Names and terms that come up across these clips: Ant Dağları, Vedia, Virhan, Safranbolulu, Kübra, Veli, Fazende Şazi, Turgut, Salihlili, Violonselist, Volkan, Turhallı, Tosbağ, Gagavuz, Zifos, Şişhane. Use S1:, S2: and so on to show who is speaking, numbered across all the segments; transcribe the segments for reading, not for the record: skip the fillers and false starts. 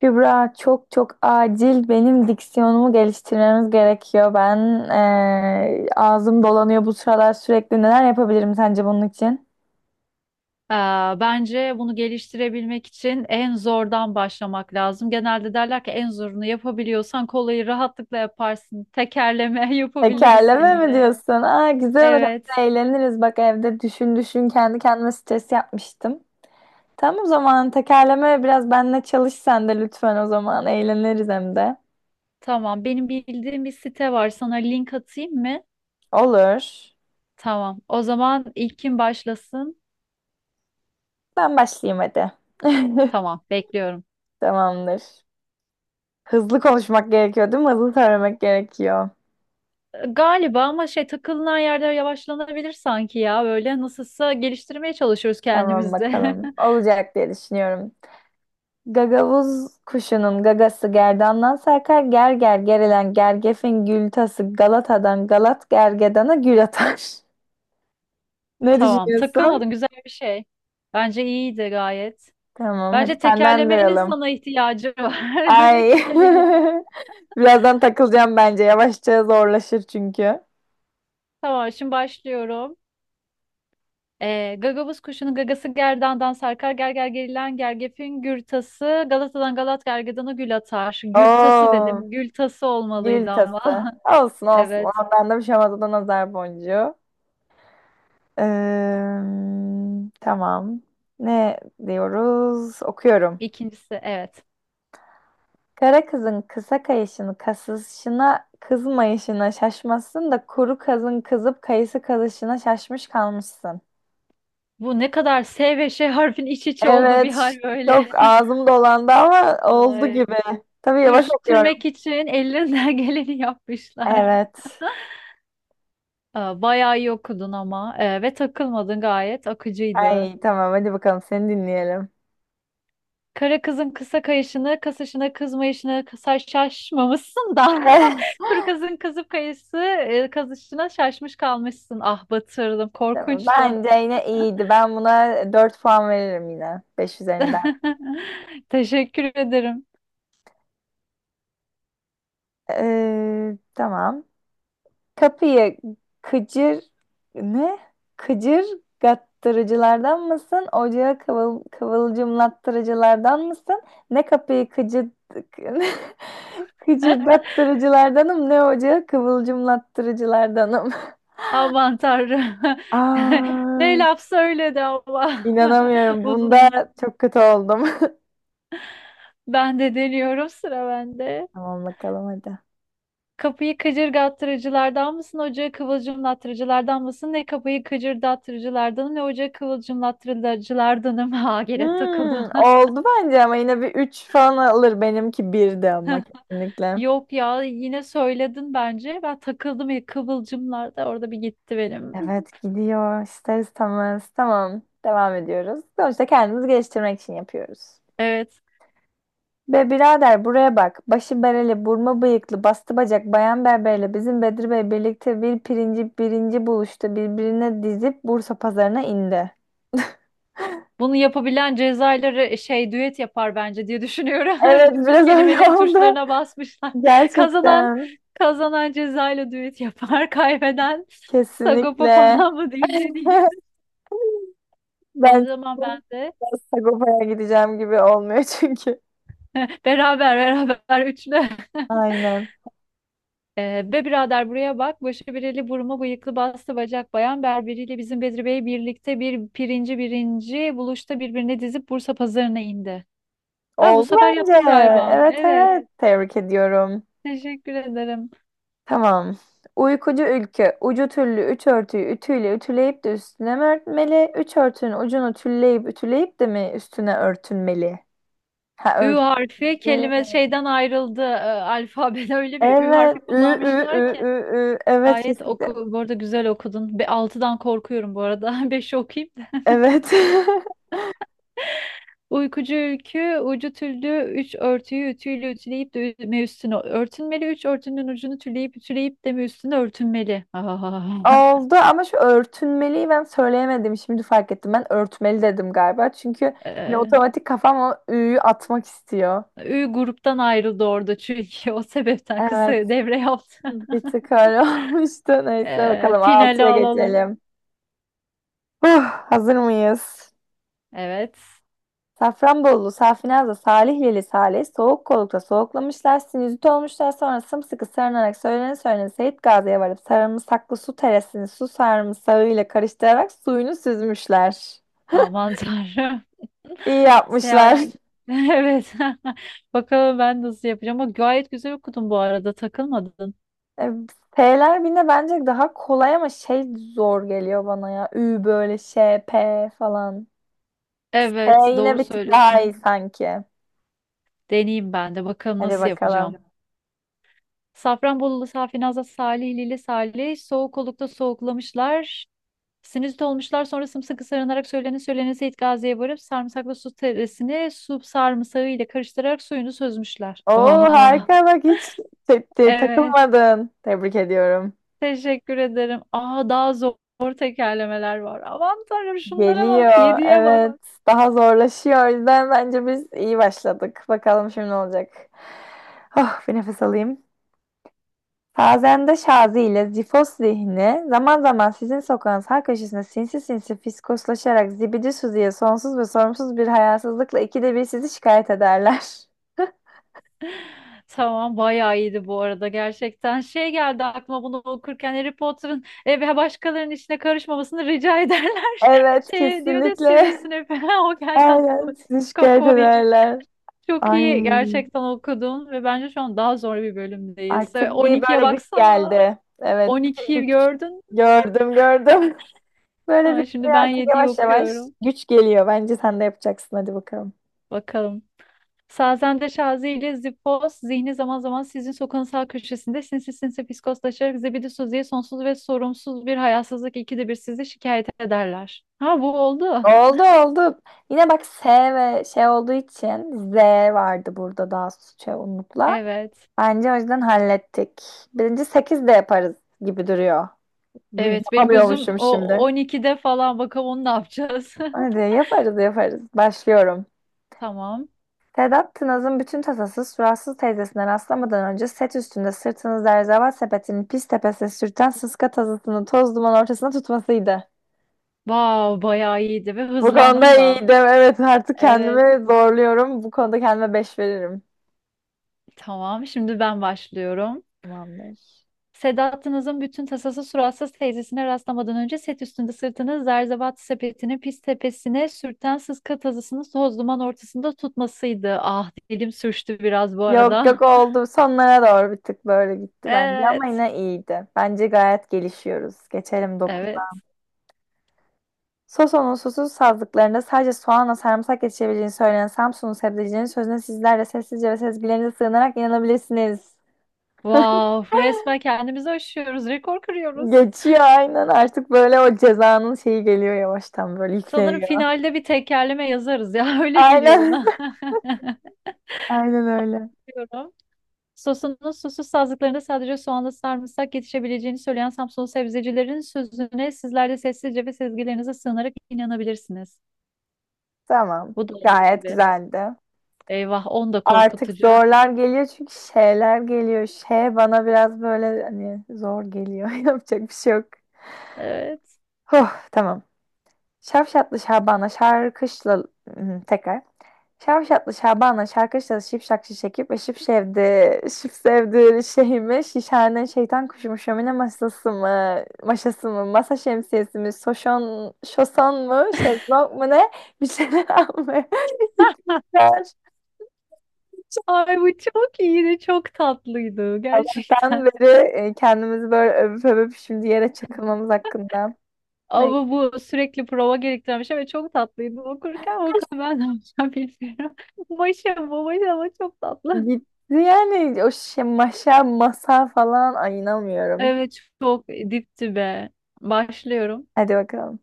S1: Kübra çok çok acil benim diksiyonumu geliştirmemiz gerekiyor. Ben ağzım dolanıyor bu sıralar sürekli. Neler yapabilirim sence bunun için?
S2: Ee, Bence bunu geliştirebilmek için en zordan başlamak lazım. Genelde derler ki en zorunu yapabiliyorsan kolayı rahatlıkla yaparsın. Tekerleme yapabiliriz
S1: Tekerleme mi
S2: seninle.
S1: diyorsun? Aa, güzel olur.
S2: Evet,
S1: Hem de eğleniriz. Bak evde düşün düşün kendi kendime stres yapmıştım. Tamam, o zaman tekerleme biraz benimle çalış sen de lütfen o zaman. Eğleniriz hem de.
S2: tamam. Benim bildiğim bir site var. Sana link atayım mı?
S1: Olur.
S2: Tamam. O zaman ilk kim başlasın?
S1: Ben başlayayım hadi.
S2: Tamam, bekliyorum.
S1: Tamamdır. Hızlı konuşmak gerekiyor değil mi? Hızlı söylemek gerekiyor.
S2: Galiba ama şey takılınan yerde yavaşlanabilir sanki ya. Böyle nasılsa geliştirmeye çalışıyoruz
S1: Tamam
S2: kendimizi.
S1: bakalım. Olacak diye düşünüyorum. Gagavuz kuşunun gagası gerdandan sarkar. Ger ger gerilen gergefin gül tası Galata'dan Galat gergedana gül atar. Ne
S2: Tamam, takılmadın,
S1: düşünüyorsun?
S2: güzel bir şey. Bence iyiydi gayet.
S1: Tamam, hadi
S2: Bence
S1: senden
S2: tekerlemenin
S1: duyalım.
S2: sana ihtiyacı var. Yani
S1: Ay.
S2: kekemeli.
S1: Birazdan takılacağım bence. Yavaşça zorlaşır çünkü.
S2: Tamam, şimdi başlıyorum. Gagavuz kuşunun gagası gerdandan sarkar, gerger gerilen gergefin gürtası Galata'dan Galat gergedana gül atar. Gürtası
S1: Oo,
S2: dedim. Gültası olmalıydı
S1: gül
S2: ama.
S1: tası. Olsun olsun.
S2: Evet.
S1: Ondan da bir şey olmaz. O da nazar boncuğu. Eee, tamam. Ne diyoruz? Okuyorum.
S2: İkincisi evet.
S1: Kara kızın kısa kayışını kasışına kızmayışına şaşmasın da kuru kazın kızıp kayısı kazışına şaşmış kalmışsın.
S2: Bu ne kadar S ve Ş harfin iç içe olduğu bir
S1: Evet,
S2: hal
S1: çok
S2: böyle.
S1: ağzım dolandı ama oldu
S2: Ay.
S1: gibi. Tabii yavaş okuyorum.
S2: Sürtürmek için ellerinden geleni yapmışlar.
S1: Evet.
S2: Aa, bayağı iyi okudun ama ve takılmadın, gayet akıcıydı.
S1: Ay tamam, hadi bakalım seni dinleyelim.
S2: Kara kızın kısa kayışını, kasışına kızmayışına kısa şaşmamışsın da kuru kızın kızıp kayısı kazışına şaşmış kalmışsın. Ah, batırdım,
S1: Tamam,
S2: korkunçtu.
S1: bence yine iyiydi. Ben buna 4 puan veririm yine, 5 üzerinden.
S2: Teşekkür ederim.
S1: Tamam. Kapıyı kıcır ne? Kıcır gattırıcılardan mısın? Ocağı kıvılcımlattırıcılardan mısın? Ne kapıyı kıcır kıcırdattırıcılardanım ne ocağı kıvılcımlattırıcılardanım.
S2: Aman Tanrım. Ne
S1: Aa,
S2: laf söyledi ama.
S1: inanamıyorum.
S2: Uzun
S1: Bunda
S2: uzun.
S1: çok kötü oldum.
S2: Ben de deniyorum, sıra bende.
S1: Tamam bakalım hadi.
S2: Kapıyı kıcırdattırıcılardan mısın, ocağı kıvılcımlattırıcılardan mısın? Ne kapıyı kıcırdattırıcılardanım ne ocağı kıvılcımlattırıcılardanım. Ha, gene takıldım.
S1: Hmm, oldu bence ama yine bir 3 falan alır. Benimki 1'di ama kesinlikle.
S2: Yok ya, yine söyledin bence. Ben takıldım ya, kıvılcımlar da orada bir gitti benim.
S1: Evet gidiyor ister istemez. Tamam, devam ediyoruz. Sonuçta kendimizi geliştirmek için yapıyoruz.
S2: Evet.
S1: Be birader buraya bak. Başı bereli, burma bıyıklı, bastı bacak, bayan berberle bizim Bedri Bey birlikte bir pirinci birinci buluştu. Birbirine dizip Bursa pazarına indi.
S2: Bunu yapabilen Cezayirleri şey düet yapar bence diye düşünüyorum.
S1: Evet,
S2: Öyle bütün
S1: biraz öyle
S2: kelimelerin
S1: oldu.
S2: tuşlarına basmışlar. Kazanan
S1: Gerçekten.
S2: kazanan Cezayir'le düet yapar. Kaybeden Sagopa
S1: Kesinlikle.
S2: falan mı diyeyim, ne diyeyim. O
S1: Ben
S2: zaman ben de
S1: biraz Sagopa'ya gideceğim gibi olmuyor çünkü.
S2: beraber beraber üçlü.
S1: Aynen.
S2: Be birader buraya bak. Başı bireli, burma bıyıklı, bastı bacak, bayan berberiyle bizim Bedri Bey birlikte bir pirinci birinci buluşta birbirine dizip Bursa pazarına indi. Ha, bu
S1: Oldu
S2: sefer
S1: bence.
S2: yaptım galiba.
S1: Evet
S2: Evet.
S1: evet. Tebrik ediyorum.
S2: Teşekkür ederim.
S1: Tamam. Uykucu ülke ucu tüllü üç örtüyü ütüyle ütüleyip de üstüne mi örtmeli? Üç örtünün ucunu tülleyip ütüleyip de mi üstüne örtünmeli? Ha
S2: Ü harfi
S1: örtmeli.
S2: kelime şeyden ayrıldı. Alfabede öyle bir Ü
S1: Evet.
S2: harfi
S1: Ü, ü,
S2: kullanmışlar
S1: ü,
S2: ki.
S1: ü, ü. Evet
S2: Gayet
S1: kesinlikle.
S2: oku, bu arada güzel okudun. Be, altıdan korkuyorum bu arada. Beşi okuyayım.
S1: Evet.
S2: Uykucu ülkü, ucu tüllü, üç örtüyü ütüyle ütüleyip de üstüne örtünmeli. Üç örtünün ucunu tüleyip ütüleyip de mi üstüne örtünmeli. Ah.
S1: Oldu ama şu örtünmeliyi ben söyleyemedim. Şimdi fark ettim. Ben örtmeli dedim galiba. Çünkü hani
S2: Ee,
S1: otomatik kafam o ü'yü atmak istiyor.
S2: Ü gruptan ayrıldı orada çünkü o sebepten kısa
S1: Evet.
S2: devre yaptı.
S1: Bir tık öyle olmuştu. Neyse bakalım
S2: Finali
S1: altıya
S2: alalım.
S1: geçelim. Huh, hazır mıyız?
S2: Evet.
S1: Safranbolulu, Safinaz'da, Salihlili, Salih, soğuk kolukta soğuklamışlar, sinüzit olmuşlar, sonra sımsıkı sarınarak söylene söylene Seyit Gazi'ye varıp sarımsaklı su teresini su sarımsağıyla karıştırarak suyunu süzmüşler.
S2: Aman Tanrım.
S1: İyi
S2: Seyahat.
S1: yapmışlar.
S2: Evet. Bakalım ben nasıl yapacağım. Ama gayet güzel okudun bu arada. Takılmadın.
S1: E, P'ler birine bence daha kolay ama şey zor geliyor bana ya. Ü böyle şey, P falan. P
S2: Evet,
S1: yine
S2: doğru
S1: bir tık daha iyi
S2: söylüyorsun.
S1: sanki.
S2: Deneyeyim ben de. Bakalım
S1: Hadi
S2: nasıl
S1: bakalım.
S2: yapacağım. Safranbolulu Safinaz'la Salihlili Salih soğuk olukta soğuklamışlar. Sinüzit olmuşlar, sonra sımsıkı sarınarak söylene söylene Seyit Gazi'ye varıp sarımsaklı su teresini su sarımsağı ile karıştırarak suyunu süzmüşler.
S1: Oo
S2: Aa,
S1: harika bak hiç
S2: evet,
S1: takılmadın. Tebrik ediyorum.
S2: teşekkür ederim. Aa, daha zor tekerlemeler var. Aman Tanrım, şunlara bak,
S1: Geliyor.
S2: yediye bak.
S1: Evet. Daha zorlaşıyor. O yüzden bence biz iyi başladık. Bakalım şimdi ne olacak. Oh, bir nefes alayım. Fazende Şazi ile Zifos zihni zaman zaman sizin sokağın sağ köşesinde sinsi sinsi fiskoslaşarak zibidi Suzi'ye sonsuz ve sorumsuz bir hayasızlıkla ikide bir sizi şikayet ederler.
S2: Tamam, bayağı iyiydi bu arada gerçekten. Şey geldi aklıma bunu okurken, Harry Potter'ın ve başkalarının işine karışmamasını rica ederler.
S1: Evet
S2: Şey diyor da
S1: kesinlikle.
S2: Sirius falan o geldi aklıma.
S1: Aynen sizi
S2: Kafa
S1: şikayet
S2: oraya.
S1: ederler.
S2: Çok iyi gerçekten okudun ve bence şu an daha zor bir bölümdeyiz. E,
S1: Artık bir
S2: 12'ye
S1: böyle güç
S2: baksana.
S1: geldi. Evet, bir
S2: 12'yi
S1: güç
S2: gördün.
S1: gördüm, gördüm. Böyle bir
S2: Ha,
S1: şey
S2: şimdi ben
S1: artık
S2: yediyi
S1: yavaş yavaş
S2: okuyorum.
S1: güç geliyor. Bence sen de yapacaksın. Hadi bakalım.
S2: Bakalım. Sazende Şazi ile Zipos zihni zaman zaman sizin sokağın sağ köşesinde sinsi sinsi fiskoslaşarak zibidi Suzi'ye sonsuz ve sorumsuz bir hayasızlık ikide bir sizi şikayet ederler. Ha, bu oldu.
S1: Oldu oldu. Yine bak S ve şey olduğu için Z vardı burada daha şey unutla.
S2: Evet.
S1: Bence o yüzden hallettik. Birinci 8 de yaparız gibi duruyor.
S2: Evet, benim gözüm
S1: Yapamıyormuşum
S2: o
S1: şimdi.
S2: 12'de falan, bakalım onu ne yapacağız.
S1: Hadi yaparız yaparız. Başlıyorum.
S2: Tamam.
S1: Sedat Tınaz'ın bütün tasası suratsız teyzesine rastlamadan önce set üstünde sırtını zerzeval sepetinin pis tepesine sürten sıska tazısını toz duman ortasına tutmasıydı.
S2: Vav, bayağı iyiydi ve
S1: Bu
S2: hızlandın
S1: konuda
S2: da.
S1: iyiydim. Evet artık
S2: Evet.
S1: kendimi zorluyorum. Bu konuda kendime 5 veririm.
S2: Tamam, şimdi ben başlıyorum.
S1: Tamamdır. Doğru.
S2: Sedat'ınızın bütün tasası suratsız teyzesine rastlamadan önce set üstünde sırtını zerzevat sepetinin pis tepesine sürten sıska tazısını toz duman ortasında tutmasıydı. Ah, dilim sürçtü biraz bu
S1: Yok
S2: arada.
S1: yok oldu. Sonlara doğru bir tık böyle gitti bence ama
S2: Evet.
S1: yine iyiydi. Bence gayet gelişiyoruz. Geçelim dokuz.
S2: Evet.
S1: Soson'un susuz sazlıklarında sadece soğanla sarımsak yetişebileceğini söyleyen Samsun'un sebzecinin sözüne sizler de sessizce ve sezgilerinize sığınarak inanabilirsiniz.
S2: Wow, resmen kendimizi aşıyoruz, rekor kırıyoruz.
S1: Geçiyor aynen, artık böyle o cezanın şeyi geliyor yavaştan böyle
S2: Sanırım
S1: yükleniyor.
S2: finalde bir tekerleme yazarız ya öyle geliyor
S1: Aynen.
S2: bana.
S1: Aynen öyle.
S2: Diyorum. Sosunun susuz sazlıklarında sadece soğanla sarımsak yetişebileceğini söyleyen Samsunlu sebzecilerin sözüne sizler de sessizce ve sezgilerinize sığınarak inanabilirsiniz.
S1: Tamam.
S2: Bu da olduğu
S1: Gayet
S2: gibi.
S1: güzeldi.
S2: Eyvah, on da
S1: Artık
S2: korkutucu.
S1: zorlar geliyor çünkü şeyler geliyor. Şey bana biraz böyle hani zor geliyor. Yapacak bir şey yok.
S2: Evet.
S1: Huh, tamam. Şavşatlı Şaban'a şarkışla... Hı, tekrar. Şavşatlı Şaban'la şarkı çalış şipşak şişekip ve şıp şevdi, şıp sevdi şeyimi, şişhane şeytan kuşumu, şömine masası mı, maşası mı, masa şemsiyesi mi, soşon, şoson mu, şezlong mu ne, bir şeyler almaya
S2: Hah.
S1: gitmişler.
S2: Ay, bu çok iyiydi, çok tatlıydı
S1: Ben
S2: gerçekten.
S1: beri kendimizi böyle övüp övüp şimdi yere çakılmamız hakkında. Ne,
S2: Ama bu sürekli prova gerektiren bir şey ve çok tatlıydı. Okurken bakalım ben ne yapacağım, bilmiyorum. Başım bu başım, ama çok tatlı.
S1: gitti yani o şey maşa, masa falan, ay inanmıyorum.
S2: Evet, çok dipti be. Başlıyorum.
S1: Hadi bakalım.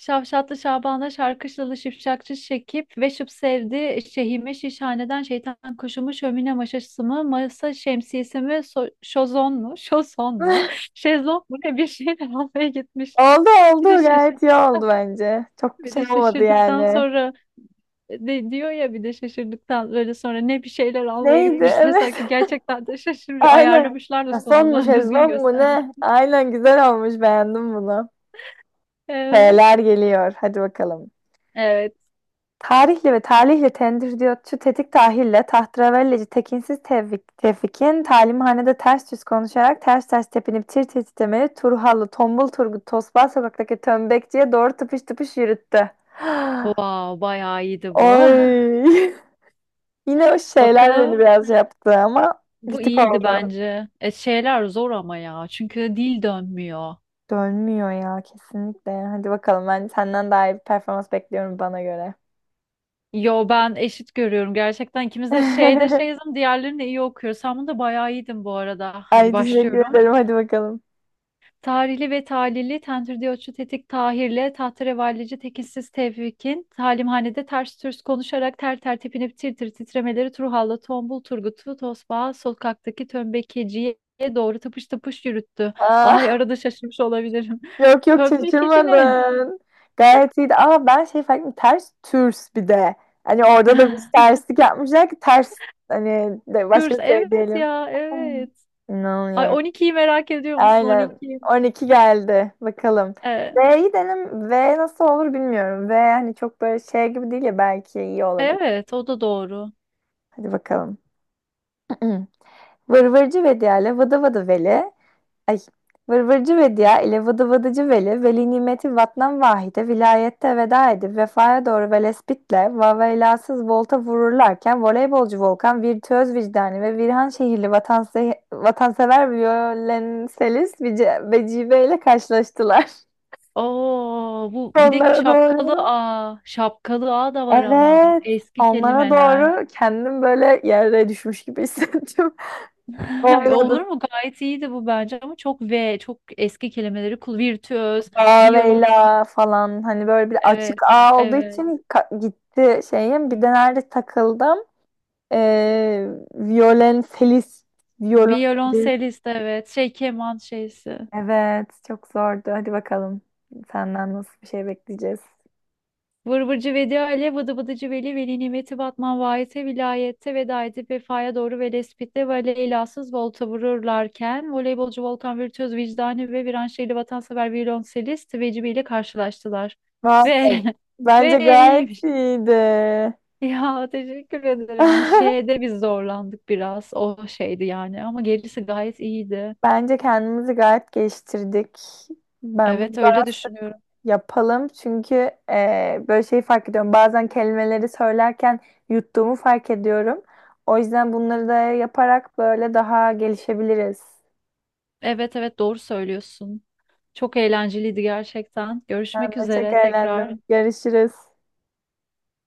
S2: Şavşatlı Şaban'da şarkışlalı şipşakçı Şekip ve şıp sevdi şehime şişhaneden şeytan kuşumu şömine maşası mı, masa şemsiyesi mi, şozon mu, şozon mu, şezlong mu ne, bir şeyle almaya gitmiş.
S1: Oldu
S2: Bir de
S1: oldu, gayet iyi
S2: şaşırdıktan,
S1: oldu bence. Çok
S2: bir
S1: şey
S2: de
S1: olmadı
S2: şaşırdıktan
S1: yani.
S2: sonra de diyor ya bir de şaşırdıktan böyle sonra ne, bir şeyler almaya
S1: Neydi?
S2: gitmişler,
S1: Evet.
S2: sanki gerçekten de şaşırıyor.
S1: Aynen.
S2: Ayarlamışlar da
S1: Şazlong mu
S2: sonunu düzgün
S1: şezlong mu
S2: göstermek.
S1: ne? Aynen güzel olmuş, beğendim bunu.
S2: Evet.
S1: Şeyler geliyor, hadi bakalım.
S2: Evet.
S1: Tarihli ve talihle tendir diyor. Tetik tahille tahtravelleci tekinsiz Tevfik, Tevfikin talimhanede ters yüz konuşarak ters ters tepinip tir tir titremeli Turhallı tombul Turgut Tosbağ sokaktaki tömbekçiye doğru tıpış tıpış yürüttü.
S2: Wow, bayağı iyiydi bu.
S1: Oy. Yine o şeyler beni
S2: Bakalım,
S1: biraz yaptı ama bir
S2: bu
S1: tık
S2: iyiydi
S1: oldu.
S2: bence. Şeyler zor ama ya. Çünkü dil dönmüyor.
S1: Dönmüyor ya kesinlikle. Hadi bakalım, ben senden daha iyi bir performans bekliyorum bana göre.
S2: Yo, ben eşit görüyorum gerçekten. İkimiz de şeyde şeyiz, diğerlerini iyi okuyor. Sen bunda bayağı iyiydin bu arada. Hadi
S1: Ay teşekkür
S2: başlıyorum.
S1: ederim, hadi bakalım.
S2: Tarihli ve talili Tentürdiyotçu Tetik Tahir'le tahterevallici tekinsiz Tevfik'in talimhanede ters türs konuşarak ter ter tepinip tir tir titremeleri Turhal'la Tombul Turgut'u Tosbağa sokaktaki tömbekeciye doğru tıpış tıpış yürüttü. Ay,
S1: Aa,
S2: arada şaşırmış olabilirim.
S1: yok yok
S2: Tömbekeci ne?
S1: şaşırmadın. Gayet iyiydi. Aa ben şey fark ettim. Ters türs bir de. Hani orada da bir terslik yapmışlar ki ters hani de başka
S2: Tours,
S1: bir şey
S2: evet
S1: diyelim.
S2: ya, evet. Ay,
S1: İnanamıyorum.
S2: 12'yi merak ediyor musun,
S1: Aynen.
S2: 12'yi?
S1: 12 geldi. Bakalım.
S2: Ee,
S1: V'yi denem. V nasıl olur bilmiyorum. V hani çok böyle şey gibi değil ya, belki iyi olabilir.
S2: evet, o da doğru.
S1: Hadi bakalım. Vırvırcı Vedia ile Vıdı Vıdı Veli. Ay. Vırvırcı Vedia ile Vıdı Vıdıcı Veli. Veli nimeti vatnan vahide. Vilayette veda edip vefaya doğru velespitle vaveylasız volta vururlarken voleybolcu Volkan virtüöz vicdani ve Virhan şehirli vatansever Violenselis Vecibe ile karşılaştılar.
S2: Oo, bu bir de
S1: Onlara doğru.
S2: şapkalı A. Şapkalı A da var ama
S1: Evet.
S2: eski
S1: Onlara
S2: kelimeler.
S1: doğru kendim böyle yere düşmüş gibi hissettim.
S2: Olur
S1: Olmadı.
S2: mu? Gayet iyiydi bu bence ama çok V, çok eski kelimeleri kul virtüöz, violons
S1: Veyla falan hani böyle bir açık
S2: evet,
S1: ağ olduğu
S2: evet.
S1: için gitti şeyim. Bir de nerede takıldım? Ee, Violonselist. Violonselist.
S2: Violonselist evet. Şey keman şeysi.
S1: Evet. Çok zordu. Hadi bakalım. Senden nasıl bir şey bekleyeceğiz?
S2: Vır vırcı Vedi Ali, vıdı vıdıcı Veli, Veli Nimeti Batman Vahit'e vilayette veda edip vefaya doğru ve lespitle ve leylasız volta vururlarken voleybolcu Volkan Virtüöz vicdani ve Viranşehirli vatansever violonselist Vecibi ile karşılaştılar.
S1: Vay,
S2: Ve
S1: bence
S2: ve
S1: gayet
S2: iyiymiş.
S1: iyiydi.
S2: Ya, teşekkür ederim. Şeyde biz zorlandık biraz. O şeydi yani ama gerisi gayet iyiydi.
S1: Bence kendimizi gayet geliştirdik. Ben bu
S2: Evet, öyle düşünüyorum.
S1: yapalım çünkü böyle şeyi fark ediyorum. Bazen kelimeleri söylerken yuttuğumu fark ediyorum. O yüzden bunları da yaparak böyle daha gelişebiliriz.
S2: Evet evet, doğru söylüyorsun. Çok eğlenceliydi gerçekten.
S1: Ben
S2: Görüşmek
S1: de çok
S2: üzere tekrar.
S1: eğlendim. Görüşürüz.